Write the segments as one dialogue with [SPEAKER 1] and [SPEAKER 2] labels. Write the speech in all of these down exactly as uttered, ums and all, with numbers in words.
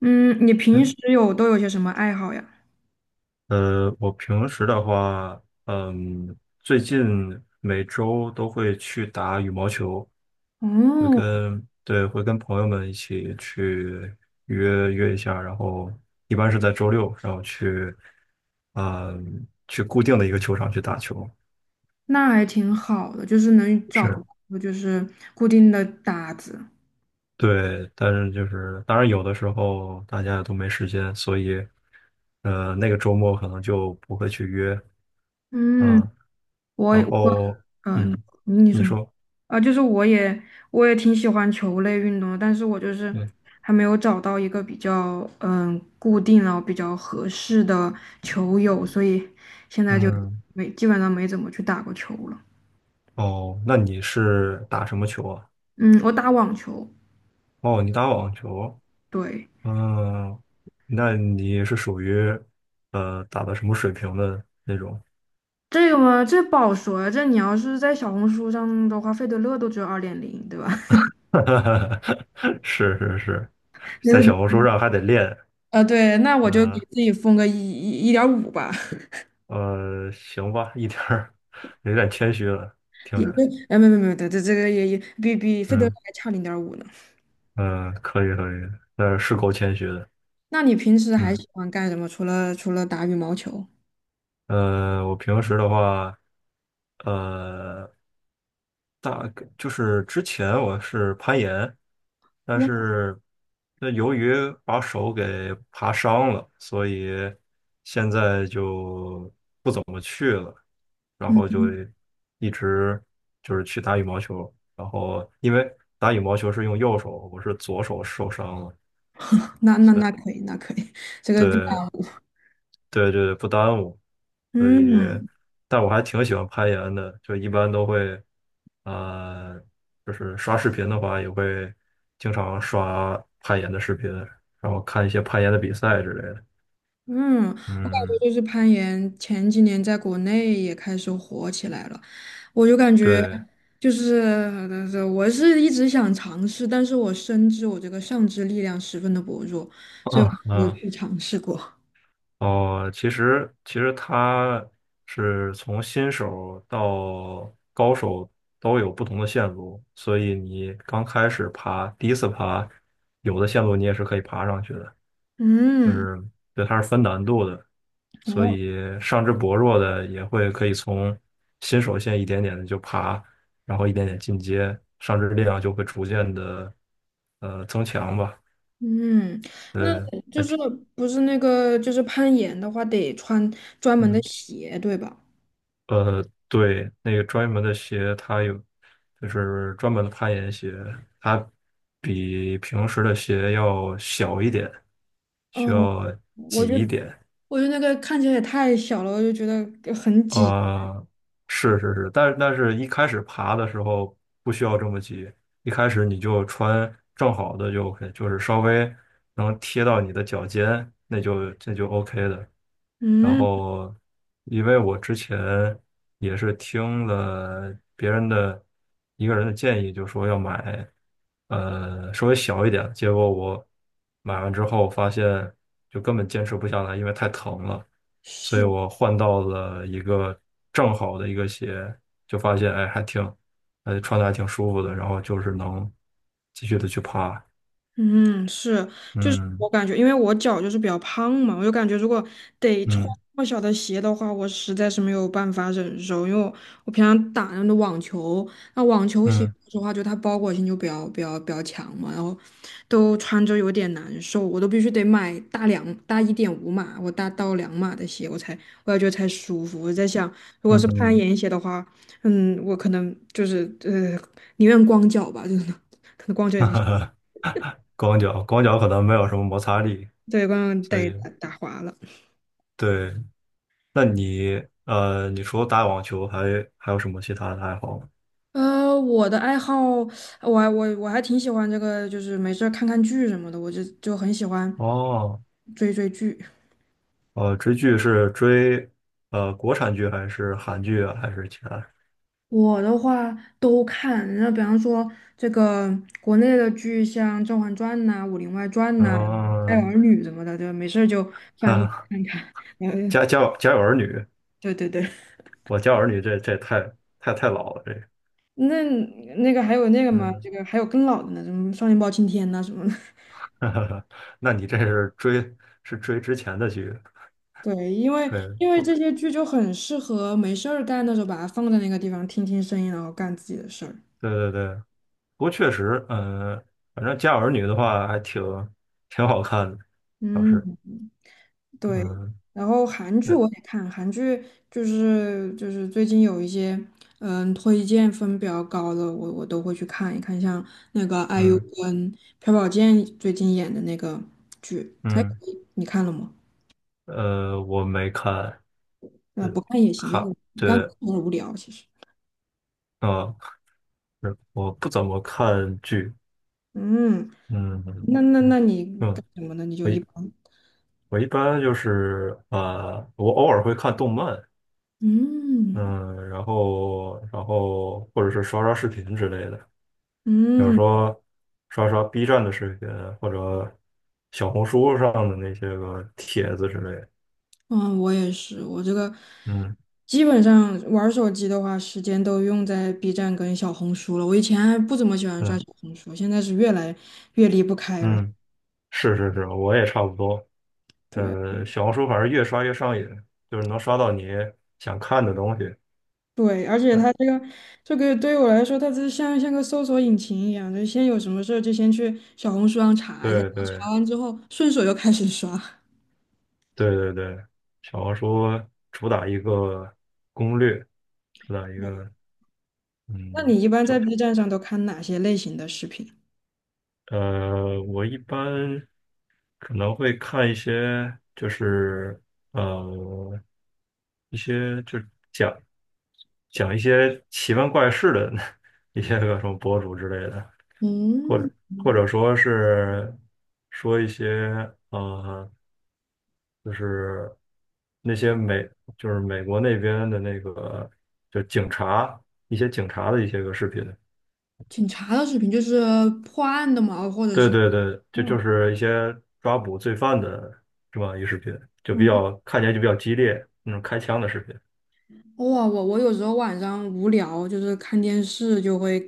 [SPEAKER 1] 嗯，你平时有都有些什么爱好呀？
[SPEAKER 2] 呃，我平时的话，嗯，最近每周都会去打羽毛球，会
[SPEAKER 1] 哦，
[SPEAKER 2] 跟，对，会跟朋友们一起去约约一下，然后一般是在周六，然后去，嗯，去固定的一个球场去打球。
[SPEAKER 1] 那还挺好的，就是能找
[SPEAKER 2] 是，
[SPEAKER 1] 到就是固定的搭子。
[SPEAKER 2] 对，但是就是当然有的时候大家都没时间，所以，呃，那个周末可能就不会去约
[SPEAKER 1] 嗯，
[SPEAKER 2] 啊，
[SPEAKER 1] 我
[SPEAKER 2] 然
[SPEAKER 1] 我
[SPEAKER 2] 后，
[SPEAKER 1] 嗯、
[SPEAKER 2] 嗯，
[SPEAKER 1] 你你
[SPEAKER 2] 你
[SPEAKER 1] 说你
[SPEAKER 2] 说。
[SPEAKER 1] 啊、就是我也我也挺喜欢球类运动的，但是我就是
[SPEAKER 2] 对，
[SPEAKER 1] 还没有找到一个比较嗯固定然后比较合适的球友，所以现在就
[SPEAKER 2] 嗯，
[SPEAKER 1] 没基本上没怎么去打过球了。
[SPEAKER 2] 哦，那你是打什么球啊？
[SPEAKER 1] 嗯，我打网球，
[SPEAKER 2] 哦，你打网球，
[SPEAKER 1] 对。
[SPEAKER 2] 嗯，那你是属于呃打的什么水平的那种？
[SPEAKER 1] 这个嘛，这不好说。这你要是在小红书上的话，费德勒都只有二点零，对吧？
[SPEAKER 2] 是是是，在小 红书上还得练，
[SPEAKER 1] 啊，对，那我就给
[SPEAKER 2] 嗯
[SPEAKER 1] 自己封个一一一点五吧，
[SPEAKER 2] 呃，行吧，一点儿有点谦虚了，听
[SPEAKER 1] 也就
[SPEAKER 2] 着，
[SPEAKER 1] 哎，没没没，这这个也也比比费德勒
[SPEAKER 2] 嗯
[SPEAKER 1] 还差零点五呢。
[SPEAKER 2] 嗯，可以可以，呃，是够谦虚的，
[SPEAKER 1] 那你平时还
[SPEAKER 2] 嗯。
[SPEAKER 1] 喜欢干什么？除了除了打羽毛球？
[SPEAKER 2] 呃，我平时的话，呃，大概就是之前我是攀岩，但
[SPEAKER 1] 哇，
[SPEAKER 2] 是那由于把手给爬伤了，所以现在就不怎么去了，然后就
[SPEAKER 1] 嗯，
[SPEAKER 2] 一直就是去打羽毛球，然后因为打羽毛球是用右手，我是左手受伤了，
[SPEAKER 1] 那那
[SPEAKER 2] 所以
[SPEAKER 1] 那可以，那可以，这个不
[SPEAKER 2] 对，
[SPEAKER 1] 打。
[SPEAKER 2] 对对对，不耽误，所以，
[SPEAKER 1] 嗯。
[SPEAKER 2] 但我还挺喜欢攀岩的，就一般都会，呃，就是刷视频的话，也会经常刷攀岩的视频，然后看一些攀岩的比赛之类的。
[SPEAKER 1] 嗯，我感觉
[SPEAKER 2] 嗯，
[SPEAKER 1] 就是攀岩，前几年在国内也开始火起来了。我就感觉
[SPEAKER 2] 对，
[SPEAKER 1] 就是呃我是一直想尝试，但是我深知我这个上肢力量十分的薄弱，
[SPEAKER 2] 嗯
[SPEAKER 1] 没有
[SPEAKER 2] 嗯，
[SPEAKER 1] 去尝试过。
[SPEAKER 2] 哦，其实其实它是从新手到高手都有不同的线路，所以你刚开始爬，第一次爬，有的线路你也是可以爬上去的。就
[SPEAKER 1] 嗯，
[SPEAKER 2] 是对它是分难度的，所
[SPEAKER 1] 哦
[SPEAKER 2] 以上肢薄弱的也会可以从新手线一点点的就爬，然后一点点进阶，上肢力量就会逐渐的呃增强吧。
[SPEAKER 1] 嗯，那
[SPEAKER 2] 呃，
[SPEAKER 1] 就
[SPEAKER 2] 还
[SPEAKER 1] 是
[SPEAKER 2] 挺
[SPEAKER 1] 不是那个就是攀岩的话，得穿专门的
[SPEAKER 2] 嗯
[SPEAKER 1] 鞋，对吧？
[SPEAKER 2] 呃对，那个专门的鞋它有就是专门的攀岩鞋，它比平时的鞋要小一点，需
[SPEAKER 1] 哦，
[SPEAKER 2] 要
[SPEAKER 1] 我
[SPEAKER 2] 挤
[SPEAKER 1] 就
[SPEAKER 2] 一点。
[SPEAKER 1] 我就那个看起来也太小了，我就觉得很挤。
[SPEAKER 2] 呃，是是是，但但是一开始爬的时候不需要这么急，一开始你就穿正好的就 OK，就是稍微能贴到你的脚尖，那就这就 OK 的。然
[SPEAKER 1] 嗯。
[SPEAKER 2] 后，因为我之前也是听了别人的一个人的建议，就说要买呃稍微小一点，结果我买完之后发现就根本坚持不下来，因为太疼了。所以
[SPEAKER 1] 是。
[SPEAKER 2] 我换到了一个正好的一个鞋，就发现哎还挺，呃穿的还挺舒服的，然后就是能继续的去爬，
[SPEAKER 1] 嗯，是，就是
[SPEAKER 2] 嗯
[SPEAKER 1] 我感觉，因为我脚就是比较胖嘛，我就感觉如果得穿
[SPEAKER 2] 嗯
[SPEAKER 1] 那么小的鞋的话，我实在是没有办法忍受，因为我我平常打那种网球，那网球鞋
[SPEAKER 2] 嗯
[SPEAKER 1] 说实话，就它包裹性就比较比较比较强嘛，然后都穿着有点难受，我都必须得买大两大一点五码，我大到两码的鞋，我才我感觉得才舒服。我在想，如果是攀
[SPEAKER 2] 嗯，
[SPEAKER 1] 岩鞋的话，嗯，我可能就是呃，宁愿光脚吧，就是可能光脚 也
[SPEAKER 2] 哈
[SPEAKER 1] 不行。
[SPEAKER 2] 哈光脚光脚可能没有什么摩擦力，
[SPEAKER 1] 对，刚刚
[SPEAKER 2] 所
[SPEAKER 1] 带
[SPEAKER 2] 以
[SPEAKER 1] 打打滑了。
[SPEAKER 2] 对，呃，你除了打网球还还有什么其他的爱好吗？
[SPEAKER 1] 呃，我的爱好，我还我我还挺喜欢这个，就是没事儿看看剧什么的，我就就很喜欢
[SPEAKER 2] 哦，
[SPEAKER 1] 追追剧。
[SPEAKER 2] 呃，追剧是追呃国产剧还是韩剧啊，还是其他？
[SPEAKER 1] 我的话都看，那比方说这个国内的剧，像《甄嬛传》呐、《武林外传》呐、《爱儿
[SPEAKER 2] 嗯，
[SPEAKER 1] 女》什么的，对，没事儿就想去
[SPEAKER 2] 啊，
[SPEAKER 1] 看看。然后
[SPEAKER 2] 家家有家有儿女
[SPEAKER 1] 就对对对，
[SPEAKER 2] 我教儿女这这太太太老了，这个
[SPEAKER 1] 那那个还有那个嘛，
[SPEAKER 2] 嗯，
[SPEAKER 1] 这个还有更老的呢，什么《少年包青天》呐什么的。
[SPEAKER 2] 那你这是追是追之前的剧，
[SPEAKER 1] 对，因为
[SPEAKER 2] 对
[SPEAKER 1] 因为
[SPEAKER 2] 不？
[SPEAKER 1] 这些剧就很适合没事儿干的时候，把它放在那个地方听听声音，然后干自己的事儿。
[SPEAKER 2] 对对对，不过确实，嗯，反正《家有儿女》的话还挺挺好看的，倒
[SPEAKER 1] 嗯，
[SPEAKER 2] 是，
[SPEAKER 1] 对，
[SPEAKER 2] 嗯，
[SPEAKER 1] 然后韩剧
[SPEAKER 2] 对，
[SPEAKER 1] 我也看，韩剧就是就是最近有一些嗯推荐分比较高的，我我都会去看一看，像那个 I U
[SPEAKER 2] 嗯
[SPEAKER 1] 跟朴宝剑最近演的那个剧，还可
[SPEAKER 2] 嗯，
[SPEAKER 1] 以，你看了吗？
[SPEAKER 2] 呃，我没看，
[SPEAKER 1] 呃，
[SPEAKER 2] 对，
[SPEAKER 1] 不看也行，因为
[SPEAKER 2] 哈，
[SPEAKER 1] 我刚看
[SPEAKER 2] 对，
[SPEAKER 1] 有点无聊，其实。
[SPEAKER 2] 啊、是我不怎么看剧，
[SPEAKER 1] 嗯，那
[SPEAKER 2] 嗯
[SPEAKER 1] 那那你干
[SPEAKER 2] 嗯，
[SPEAKER 1] 什么呢？你就
[SPEAKER 2] 我
[SPEAKER 1] 一
[SPEAKER 2] 一
[SPEAKER 1] 般。
[SPEAKER 2] 我一般就是啊，我偶尔会看动漫，
[SPEAKER 1] 嗯。
[SPEAKER 2] 嗯，然后然后或者是刷刷视频之类的，比如
[SPEAKER 1] 嗯，
[SPEAKER 2] 说刷刷 B 站的视频，或者小红书上的那些个帖子之类的。
[SPEAKER 1] 嗯，我也是，我这个
[SPEAKER 2] 嗯
[SPEAKER 1] 基本上玩儿手机的话，时间都用在 B 站跟小红书了。我以前还不怎么喜欢刷
[SPEAKER 2] 嗯
[SPEAKER 1] 小红书，现在是越来越离不开了。
[SPEAKER 2] 嗯，是是是，我也差不多。
[SPEAKER 1] 对
[SPEAKER 2] 呃，小红书反正越刷越上瘾，就是能刷到你想看的东西。
[SPEAKER 1] 对，而且
[SPEAKER 2] 嗯，
[SPEAKER 1] 它这个这个对于我来说，它是像像个搜索引擎一样，就先有什么事儿就先去小红书上查一下，
[SPEAKER 2] 对
[SPEAKER 1] 然后
[SPEAKER 2] 对
[SPEAKER 1] 查完之后顺手又开始刷。
[SPEAKER 2] 对对对，小红书主打一个攻略，主打一
[SPEAKER 1] 我，
[SPEAKER 2] 个
[SPEAKER 1] 那
[SPEAKER 2] 嗯。
[SPEAKER 1] 你一般在
[SPEAKER 2] 叫
[SPEAKER 1] B 站上都看哪些类型的视频？
[SPEAKER 2] 呃，我一般可能会看一些，就是呃，一些就讲一些奇闻怪事的 一些个什么博主之类的，或
[SPEAKER 1] 嗯，
[SPEAKER 2] 者或者说是说一些呃，就是那些美就是美国那边的那个就警察一些警察的一些个视频，
[SPEAKER 1] 警察的视频就是破案的嘛，或者
[SPEAKER 2] 对
[SPEAKER 1] 是。
[SPEAKER 2] 对对，这就是一些抓捕罪犯的是吧？一视频就比
[SPEAKER 1] 嗯，
[SPEAKER 2] 较看起来就比较激烈，那种开枪的视频。
[SPEAKER 1] 哇，我我有时候晚上无聊，就是看电视就会，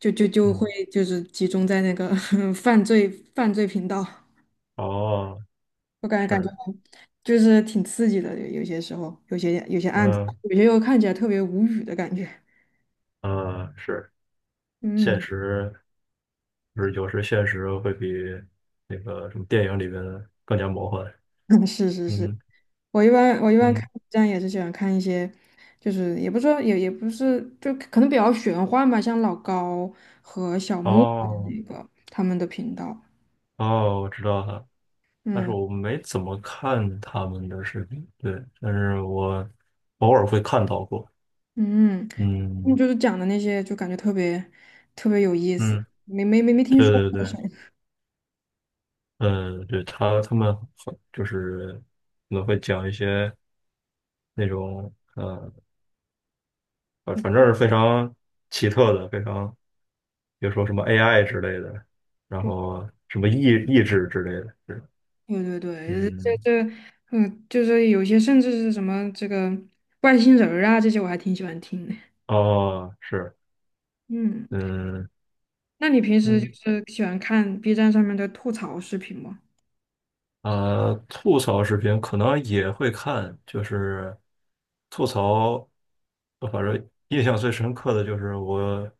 [SPEAKER 1] 就就就会
[SPEAKER 2] 嗯，
[SPEAKER 1] 就是集中在那个 犯罪犯罪频道，
[SPEAKER 2] 哦，
[SPEAKER 1] 我感觉感觉
[SPEAKER 2] 是，
[SPEAKER 1] 就是挺刺激的，有有些时候，有些有些案子，
[SPEAKER 2] 嗯
[SPEAKER 1] 有些又看起来特别无语的感觉。
[SPEAKER 2] 呃，是，现
[SPEAKER 1] 嗯，
[SPEAKER 2] 实就是有时现实会比那个什么电影里边更加魔幻。
[SPEAKER 1] 是是是，
[SPEAKER 2] 嗯
[SPEAKER 1] 我一般我一般看
[SPEAKER 2] 嗯，
[SPEAKER 1] B 站也是喜欢看一些，就是也不是说也也不是，就可能比较玄幻吧，像老高和小木
[SPEAKER 2] 哦
[SPEAKER 1] 那个他们的频道。
[SPEAKER 2] 哦，我知道了，但是
[SPEAKER 1] 嗯
[SPEAKER 2] 我没怎么看他们的视频，对，但是我偶尔会看到过。
[SPEAKER 1] 嗯。他们
[SPEAKER 2] 嗯
[SPEAKER 1] 就是讲的那些，就感觉特别特别有意思，
[SPEAKER 2] 嗯，
[SPEAKER 1] 没没没没听说
[SPEAKER 2] 对对
[SPEAKER 1] 过。
[SPEAKER 2] 对。
[SPEAKER 1] 像
[SPEAKER 2] 嗯，对，他他们很就是可能会讲一些那种呃，反反正是非常奇特的，非常比如说什么 A I 之类的，然 后什么意意志之类的，是
[SPEAKER 1] 对对对，这
[SPEAKER 2] 嗯，
[SPEAKER 1] 这嗯，就是有些甚至是什么这个外星人儿啊，这些我还挺喜欢听的。
[SPEAKER 2] 哦，是，
[SPEAKER 1] 嗯，
[SPEAKER 2] 嗯
[SPEAKER 1] 那你平时就
[SPEAKER 2] 嗯，
[SPEAKER 1] 是喜欢看 B 站上面的吐槽视频吗？
[SPEAKER 2] 呃，吐槽视频可能也会看，就是吐槽，呃反正印象最深刻的就是我，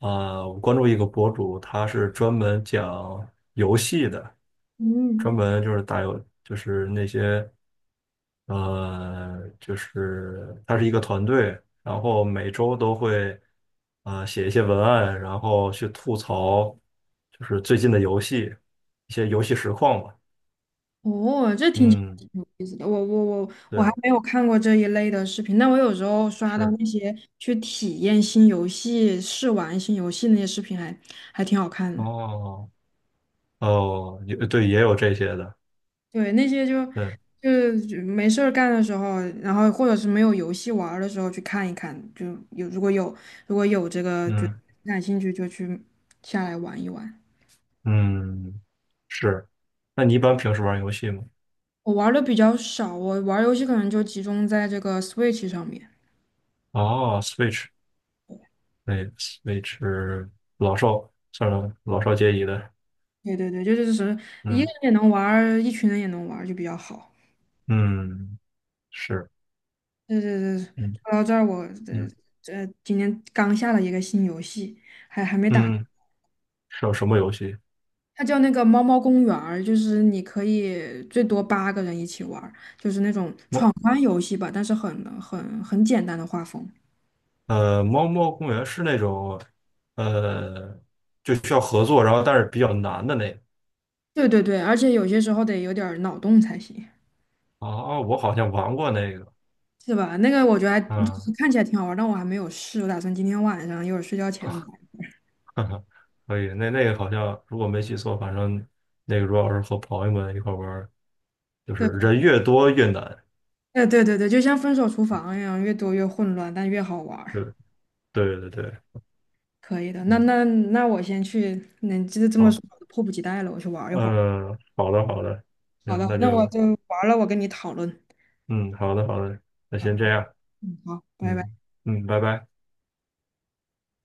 [SPEAKER 2] 啊、我关注一个博主，他是专门讲游戏的，专
[SPEAKER 1] 嗯，
[SPEAKER 2] 门就是打游，就是那些，呃，就是他是一个团队，然后每周都会，啊、写一些文案，然后去吐槽，就是最近的游戏，一些游戏实况吧。
[SPEAKER 1] 哦，这听起来
[SPEAKER 2] 嗯，
[SPEAKER 1] 挺有意思的。我我我我还
[SPEAKER 2] 对，
[SPEAKER 1] 没有看过这一类的视频，但我有时候刷到
[SPEAKER 2] 是，
[SPEAKER 1] 那些去体验新游戏、试玩新游戏那些视频还还挺好看的。
[SPEAKER 2] 哦，哦，也对，也有这些的，
[SPEAKER 1] 对，那些就
[SPEAKER 2] 对，
[SPEAKER 1] 就没事儿干的时候，然后或者是没有游戏玩儿的时候去看一看，就有如果有如果有这个就
[SPEAKER 2] 嗯
[SPEAKER 1] 感兴趣就去下来玩一玩。
[SPEAKER 2] 嗯，是。那你一般平时玩游戏吗？
[SPEAKER 1] 我玩的比较少，我玩儿游戏可能就集中在这个 Switch 上面。
[SPEAKER 2] 哦，Switch，对，Switch 是老少算了，老少皆宜的，
[SPEAKER 1] 对对对，就是什么一个
[SPEAKER 2] 嗯
[SPEAKER 1] 人也能玩儿，一群人也能玩儿，就比较好。
[SPEAKER 2] 嗯，是，
[SPEAKER 1] 对对对，
[SPEAKER 2] 嗯
[SPEAKER 1] 说到这儿，我这
[SPEAKER 2] 嗯
[SPEAKER 1] 这今天刚下了一个新游戏，还还没打。
[SPEAKER 2] 嗯，是有什么游戏？
[SPEAKER 1] 它叫那个猫猫公园儿，就是你可以最多八个人一起玩儿，就是那种闯
[SPEAKER 2] 猫
[SPEAKER 1] 关游戏吧，但是很很很简单的画风。
[SPEAKER 2] 呃，猫猫公园是那种呃，就需要合作，然后但是比较难的那个。
[SPEAKER 1] 对对对，而且有些时候得有点儿脑洞才行，
[SPEAKER 2] 哦，我好像玩过那个，
[SPEAKER 1] 是吧？那个我觉得还就
[SPEAKER 2] 嗯。
[SPEAKER 1] 是看起来挺好玩儿，但我还没有试，我打算今天晚上一会儿睡觉前玩。
[SPEAKER 2] 哈哈，可以，那那个好像如果没记错，反正那个如果要是和朋友们一块儿玩儿就是
[SPEAKER 1] 对，
[SPEAKER 2] 人越多越难。
[SPEAKER 1] 对对对对，就像分手厨房一样，越多越混乱，但越好玩
[SPEAKER 2] 对
[SPEAKER 1] 儿。
[SPEAKER 2] 对对对，
[SPEAKER 1] 可以的，那
[SPEAKER 2] 嗯，
[SPEAKER 1] 那那我先去，那这这么说，
[SPEAKER 2] 好，
[SPEAKER 1] 我迫不及待了，我去玩儿一会儿。
[SPEAKER 2] 嗯，好的好的，
[SPEAKER 1] 好
[SPEAKER 2] 行，
[SPEAKER 1] 的，
[SPEAKER 2] 那
[SPEAKER 1] 那我
[SPEAKER 2] 就
[SPEAKER 1] 就玩儿了，我跟你讨论。
[SPEAKER 2] 嗯，好的好的，那
[SPEAKER 1] 好
[SPEAKER 2] 先这
[SPEAKER 1] 的，
[SPEAKER 2] 样，
[SPEAKER 1] 嗯，好，拜拜。
[SPEAKER 2] 嗯嗯，拜拜。